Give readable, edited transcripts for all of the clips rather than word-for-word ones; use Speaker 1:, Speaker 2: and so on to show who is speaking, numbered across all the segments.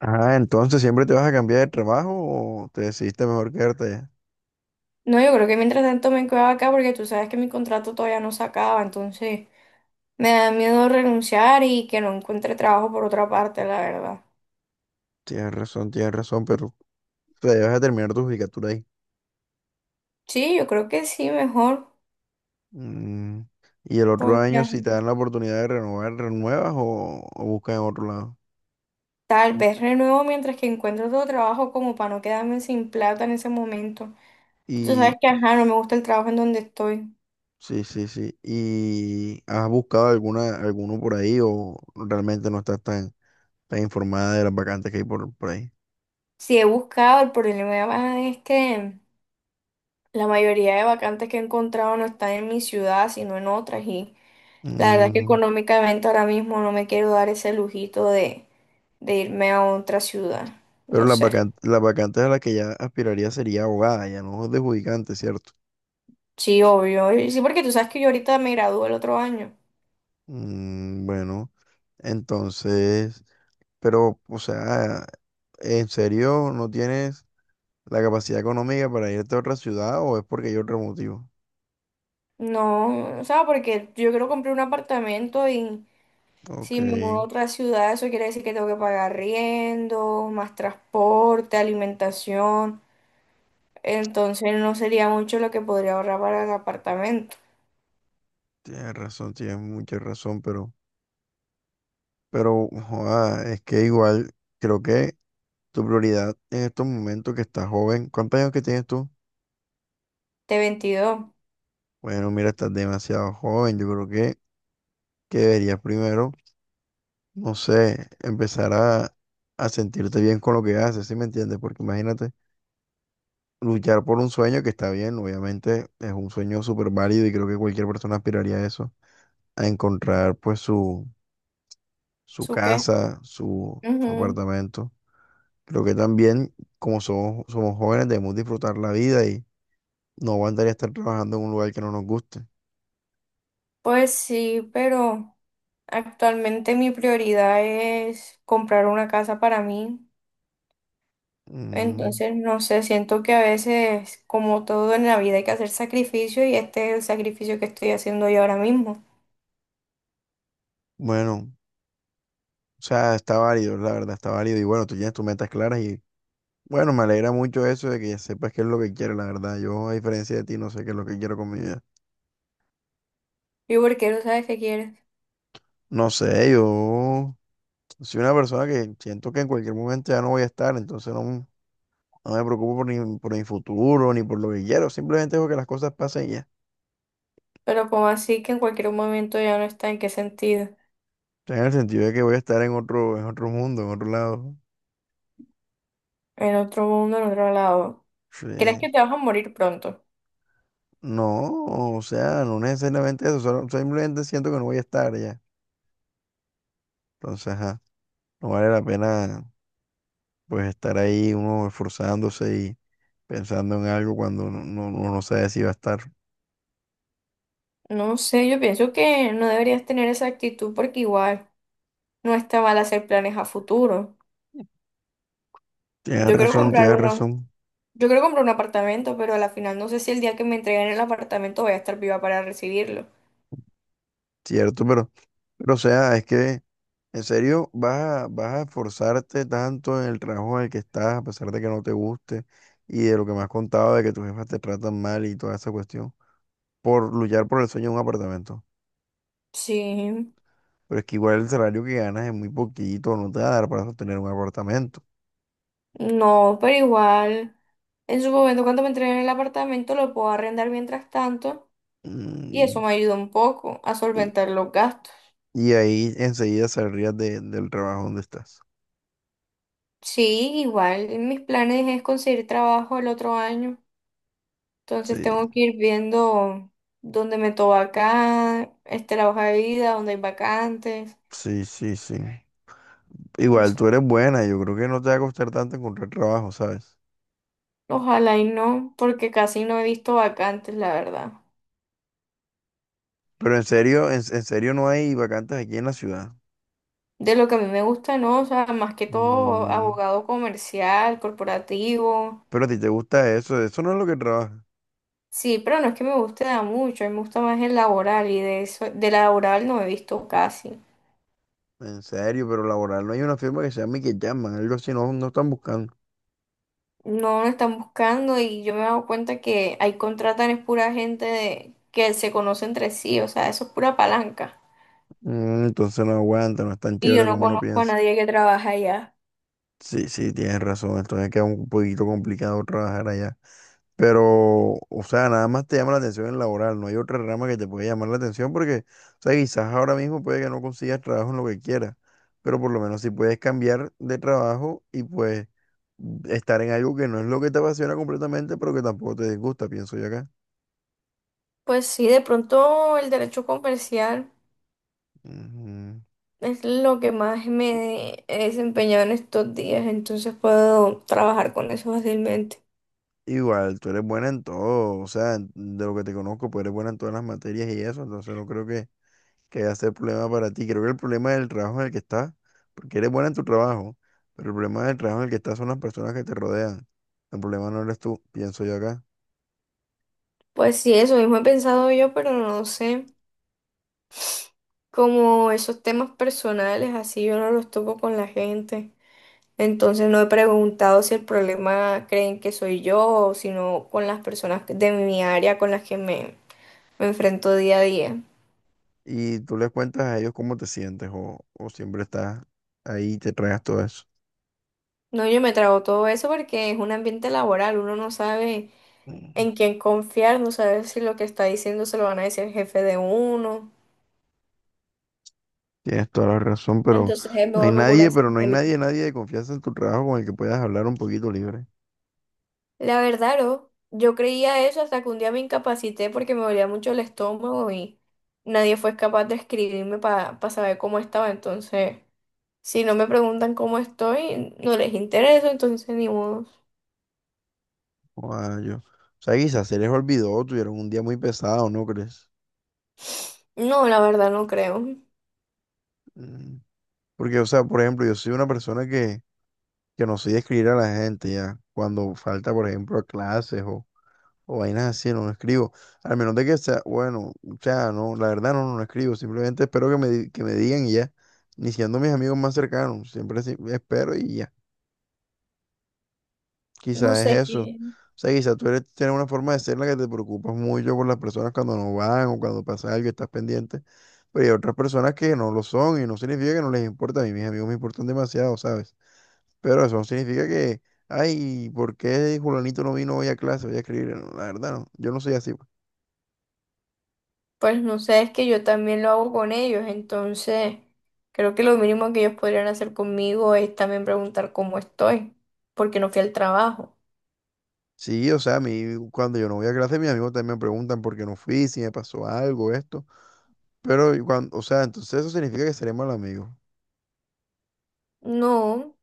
Speaker 1: Ah, entonces siempre te vas a cambiar de trabajo o te decidiste mejor quedarte allá.
Speaker 2: No, yo creo que mientras tanto me quedaba acá porque tú sabes que mi contrato todavía no se acaba, entonces me da miedo renunciar y que no encuentre trabajo por otra parte, la verdad.
Speaker 1: Tienes razón, pero te debes a terminar tu judicatura ahí.
Speaker 2: Sí, yo creo que sí, mejor,
Speaker 1: Mm. Y el otro
Speaker 2: porque
Speaker 1: año,
Speaker 2: ajá,
Speaker 1: si te dan la oportunidad de renovar, renuevas o buscas en otro lado.
Speaker 2: tal vez renuevo mientras que encuentro otro trabajo como para no quedarme sin plata en ese momento. Tú
Speaker 1: Y
Speaker 2: sabes que, ajá, no me gusta el trabajo en donde estoy.
Speaker 1: sí, sí, sí. ¿Y has buscado alguna, alguno por ahí o realmente no estás tan informada de las vacantes que hay por ahí?
Speaker 2: Sí, he buscado, el problema es que la mayoría de vacantes que he encontrado no están en mi ciudad, sino en otras y La verdad es que
Speaker 1: Mm.
Speaker 2: económicamente ahora mismo no me quiero dar ese lujito de irme a otra ciudad.
Speaker 1: Pero
Speaker 2: No sé.
Speaker 1: las vacantes a las que ya aspiraría sería abogada, ya no judicante, ¿cierto?
Speaker 2: Sí, obvio. Y sí, porque tú sabes que yo ahorita me gradúo el otro año.
Speaker 1: Mm, bueno. Entonces, pero, o sea, ¿en serio no tienes la capacidad económica para irte a otra ciudad o es porque hay otro motivo?
Speaker 2: No, o sea, porque yo quiero comprar un apartamento y
Speaker 1: Ok,
Speaker 2: si me mudo a otra ciudad, eso quiere decir que tengo que pagar riendo, más transporte, alimentación. Entonces no sería mucho lo que podría ahorrar para el apartamento.
Speaker 1: tienes razón, tienes mucha razón, pero, joda, es que igual creo que tu prioridad en estos momentos que estás joven, ¿cuántos años que tienes tú?
Speaker 2: T 22.
Speaker 1: Bueno, mira, estás demasiado joven, yo creo que deberías primero, no sé, empezar a sentirte bien con lo que haces, ¿sí me entiendes? Porque imagínate, luchar por un sueño que está bien, obviamente es un sueño súper válido y creo que cualquier persona aspiraría a eso, a encontrar pues su
Speaker 2: ¿Su qué?
Speaker 1: casa, su
Speaker 2: Ujú.
Speaker 1: apartamento. Creo que también como somos jóvenes, debemos disfrutar la vida y no aguantaría estar trabajando en un lugar que no nos guste.
Speaker 2: Pues sí, pero actualmente mi prioridad es comprar una casa para mí.
Speaker 1: Mm,
Speaker 2: Entonces, no sé, siento que a veces, como todo en la vida, hay que hacer sacrificio y este es el sacrificio que estoy haciendo yo ahora mismo.
Speaker 1: bueno, o sea, está válido, la verdad, está válido y bueno, tú tienes tus metas claras y bueno, me alegra mucho eso de que ya sepas qué es lo que quieres, la verdad. Yo, a diferencia de ti, no sé qué es lo que quiero con mi vida.
Speaker 2: ¿Y porque no sabes que quieres,
Speaker 1: No sé, yo... Soy una persona que siento que en cualquier momento ya no voy a estar, entonces no, no me preocupo por, ni, por mi futuro ni por lo que quiero, simplemente dejo que las cosas pasen y ya.
Speaker 2: pero como así que en cualquier momento ya no está, ¿en qué sentido?
Speaker 1: O sea, en el sentido de que voy a estar en otro mundo, en otro lado.
Speaker 2: En otro mundo, en otro lado. ¿Crees
Speaker 1: Sí.
Speaker 2: que te vas a morir pronto?
Speaker 1: No, o sea, no necesariamente eso, simplemente siento que no voy a estar ya. Entonces, ajá, no vale la pena pues estar ahí uno esforzándose y pensando en algo cuando uno no sabe si va a estar.
Speaker 2: No sé, yo pienso que no deberías tener esa actitud porque igual no está mal hacer planes a futuro. Yo quiero comprar
Speaker 1: Tienes
Speaker 2: unos
Speaker 1: razón,
Speaker 2: Yo quiero comprar un apartamento, pero a la final no sé si el día que me entreguen el apartamento voy a estar viva para recibirlo.
Speaker 1: cierto, pero o sea, es que... ¿En serio vas a, vas a esforzarte tanto en el trabajo en el que estás, a pesar de que no te guste y de lo que me has contado de que tus jefas te tratan mal y toda esa cuestión, por luchar por el sueño de un apartamento?
Speaker 2: Sí,
Speaker 1: Pero es que igual el salario que ganas es muy poquito, no te va a dar para sostener un apartamento.
Speaker 2: no, pero igual, en su momento cuando me entreguen el apartamento lo puedo arrendar mientras tanto y eso
Speaker 1: Mm.
Speaker 2: me ayuda un poco a
Speaker 1: y,
Speaker 2: solventar los gastos.
Speaker 1: y ahí enseguida saldrías del trabajo donde estás.
Speaker 2: Sí, igual, mis planes es conseguir trabajo el otro año, entonces
Speaker 1: Sí,
Speaker 2: tengo que ir viendo dónde me toca acá, este, la hoja de vida, dónde hay vacantes.
Speaker 1: sí, sí, sí.
Speaker 2: O
Speaker 1: Igual
Speaker 2: sea,
Speaker 1: tú eres buena, yo creo que no te va a costar tanto encontrar trabajo, ¿sabes?
Speaker 2: ojalá y no, porque casi no he visto vacantes, la verdad.
Speaker 1: Pero en serio, en serio no hay vacantes aquí en la ciudad.
Speaker 2: De lo que a mí me gusta, ¿no? O sea, más que todo
Speaker 1: Mm,
Speaker 2: abogado comercial, corporativo.
Speaker 1: pero a ti te gusta eso, eso no es lo que trabaja.
Speaker 2: Sí, pero no es que me guste da mucho, a mí me gusta más el laboral y de eso, de laboral no he visto casi.
Speaker 1: En serio, pero laboral no hay una firma que se llame que llaman, algo así, no, no están buscando.
Speaker 2: No lo están buscando y yo me he dado cuenta que ahí contratan es pura gente de que se conoce entre sí, o sea, eso es pura palanca.
Speaker 1: Mm, entonces no aguanta, no es tan
Speaker 2: Y
Speaker 1: chévere
Speaker 2: yo no
Speaker 1: como uno
Speaker 2: conozco a
Speaker 1: piensa.
Speaker 2: nadie que trabaja allá.
Speaker 1: Sí, sí, tienes razón, entonces queda un poquito complicado trabajar allá. Pero, o sea, nada más te llama la atención el laboral, no hay otra rama que te pueda llamar la atención porque, o sea, quizás ahora mismo puede que no consigas trabajo en lo que quieras, pero por lo menos si puedes cambiar de trabajo y pues estar en algo que no es lo que te apasiona completamente, pero que tampoco te disgusta, pienso yo acá.
Speaker 2: Pues sí, de pronto el derecho comercial.
Speaker 1: Ujú.
Speaker 2: Es lo que más me he desempeñado en estos días, entonces puedo trabajar con eso fácilmente.
Speaker 1: Igual, tú eres buena en todo, o sea, de lo que te conozco, pues eres buena en todas las materias y eso, entonces no creo que va a ser problema para ti. Creo que el problema del trabajo en el que estás, porque eres buena en tu trabajo, pero el problema del trabajo en el que estás son las personas que te rodean. El problema no eres tú, pienso yo acá.
Speaker 2: Pues sí, eso mismo he pensado yo, pero no sé, como esos temas personales, así yo no los toco con la gente. Entonces no he preguntado si el problema creen que soy yo, sino con las personas de mi área con las que me enfrento día a día.
Speaker 1: Y tú les cuentas a ellos cómo te sientes o siempre estás ahí y te traes todo eso.
Speaker 2: No, yo me trago todo eso porque es un ambiente laboral, uno no sabe
Speaker 1: Mm.
Speaker 2: en quién confiar, no saber si lo que está diciendo se lo van a decir el jefe de uno.
Speaker 1: Tienes toda la razón, pero no hay nadie, pero no hay nadie, nadie de confianza en tu trabajo con el que puedas hablar un poquito libre.
Speaker 2: La verdad, no, yo creía eso hasta que un día me incapacité porque me dolía mucho el estómago y nadie fue capaz de escribirme para saber cómo estaba. Entonces, si no me preguntan cómo estoy, no les interesa, entonces ni modo.
Speaker 1: Joda, yo. O sea, quizás se les olvidó, tuvieron un día muy pesado, ¿no crees?
Speaker 2: No, la verdad no creo.
Speaker 1: Mm. Porque, o sea, por ejemplo, yo soy una persona que no soy de escribir a la gente ya. Cuando falta, por ejemplo, a clases o vainas así, no, no escribo. Al menos de que sea, bueno, o sea, no, la verdad no, no escribo. Simplemente espero que me, que me digan y ya. Ni siendo mis amigos más cercanos, siempre espero y ya.
Speaker 2: No
Speaker 1: Quizás es
Speaker 2: sé
Speaker 1: eso.
Speaker 2: qué.
Speaker 1: O sea, quizás tú eres, tienes una forma de ser en la que te preocupas mucho por las personas cuando no van o cuando pasa algo, y estás pendiente. Pero hay otras personas que no lo son y no significa que no les importa. A mí mis amigos me importan demasiado, ¿sabes? Pero eso no significa que, ay, ¿por qué Julanito no vino hoy a clase? Voy a escribir. No, la verdad, no. Yo no soy así, pues.
Speaker 2: Pues no sé, es que yo también lo hago con ellos, entonces creo que lo mínimo que ellos podrían hacer conmigo es también preguntar cómo estoy, porque no fui al trabajo.
Speaker 1: Sí, o sea, a mí, cuando yo no voy a clase, mis amigos también me preguntan por qué no fui, si me pasó algo, esto. Pero, y cuando, o sea, entonces eso significa que seré mal amigo.
Speaker 2: No,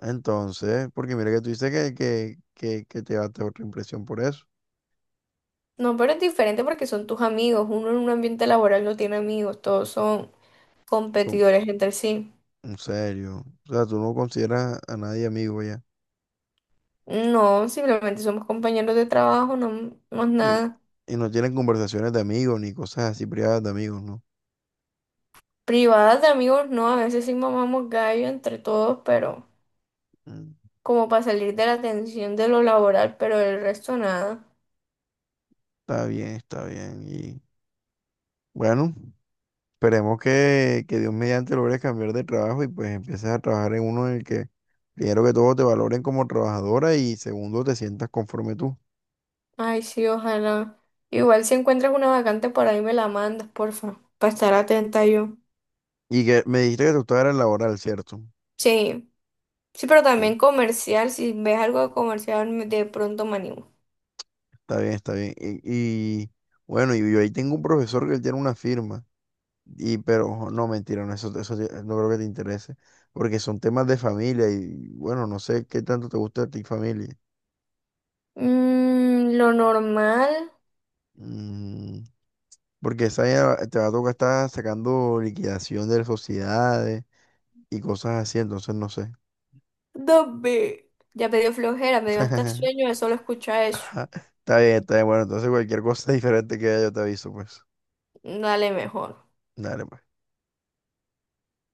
Speaker 1: Entonces, porque mira que tú dices que te va otra impresión por eso.
Speaker 2: no, pero es diferente porque son tus amigos, uno en un ambiente laboral no tiene amigos, todos son
Speaker 1: Como,
Speaker 2: competidores entre sí.
Speaker 1: en serio. O sea, tú no consideras a nadie amigo ya.
Speaker 2: No, simplemente somos compañeros de trabajo, no, no es
Speaker 1: Y,
Speaker 2: nada.
Speaker 1: y no tienen conversaciones de amigos ni cosas así privadas de amigos, ¿no?
Speaker 2: Privadas de amigos, no, a veces sí mamamos gallo entre todos, pero
Speaker 1: Mm.
Speaker 2: como para salir de la tensión de lo laboral, pero el resto nada.
Speaker 1: Está bien, está bien. Bueno, esperemos que Dios mediante logres cambiar de trabajo y pues empieces a trabajar en uno en el que primero que todo te valoren como trabajadora y segundo te sientas conforme tú.
Speaker 2: Ay, sí, ojalá. Igual si encuentras una vacante por ahí me la mandas, porfa, para estar atenta yo.
Speaker 1: Y que me dijiste que tú estabas en laboral, ¿cierto?
Speaker 2: Sí, sí, pero
Speaker 1: Uh,
Speaker 2: también comercial, si ves algo de comercial me de pronto me animo.
Speaker 1: está bien, está bien. Bueno, y yo ahí tengo un profesor que él tiene una firma. Y pero no, mentira, no, eso, no creo que te interese. Porque son temas de familia y bueno, no sé qué tanto te gusta a ti familia.
Speaker 2: Mm, lo normal,
Speaker 1: Mm. Porque esa ya te va a tocar estar sacando liquidación de sociedades y cosas así, entonces no sé.
Speaker 2: dame. Ya me dio flojera, me dio hasta sueño de solo escuchar eso.
Speaker 1: Ajá. Está bien, está bien. Bueno, entonces cualquier cosa diferente que haya yo te aviso, pues.
Speaker 2: Dale mejor.
Speaker 1: Dale, pues.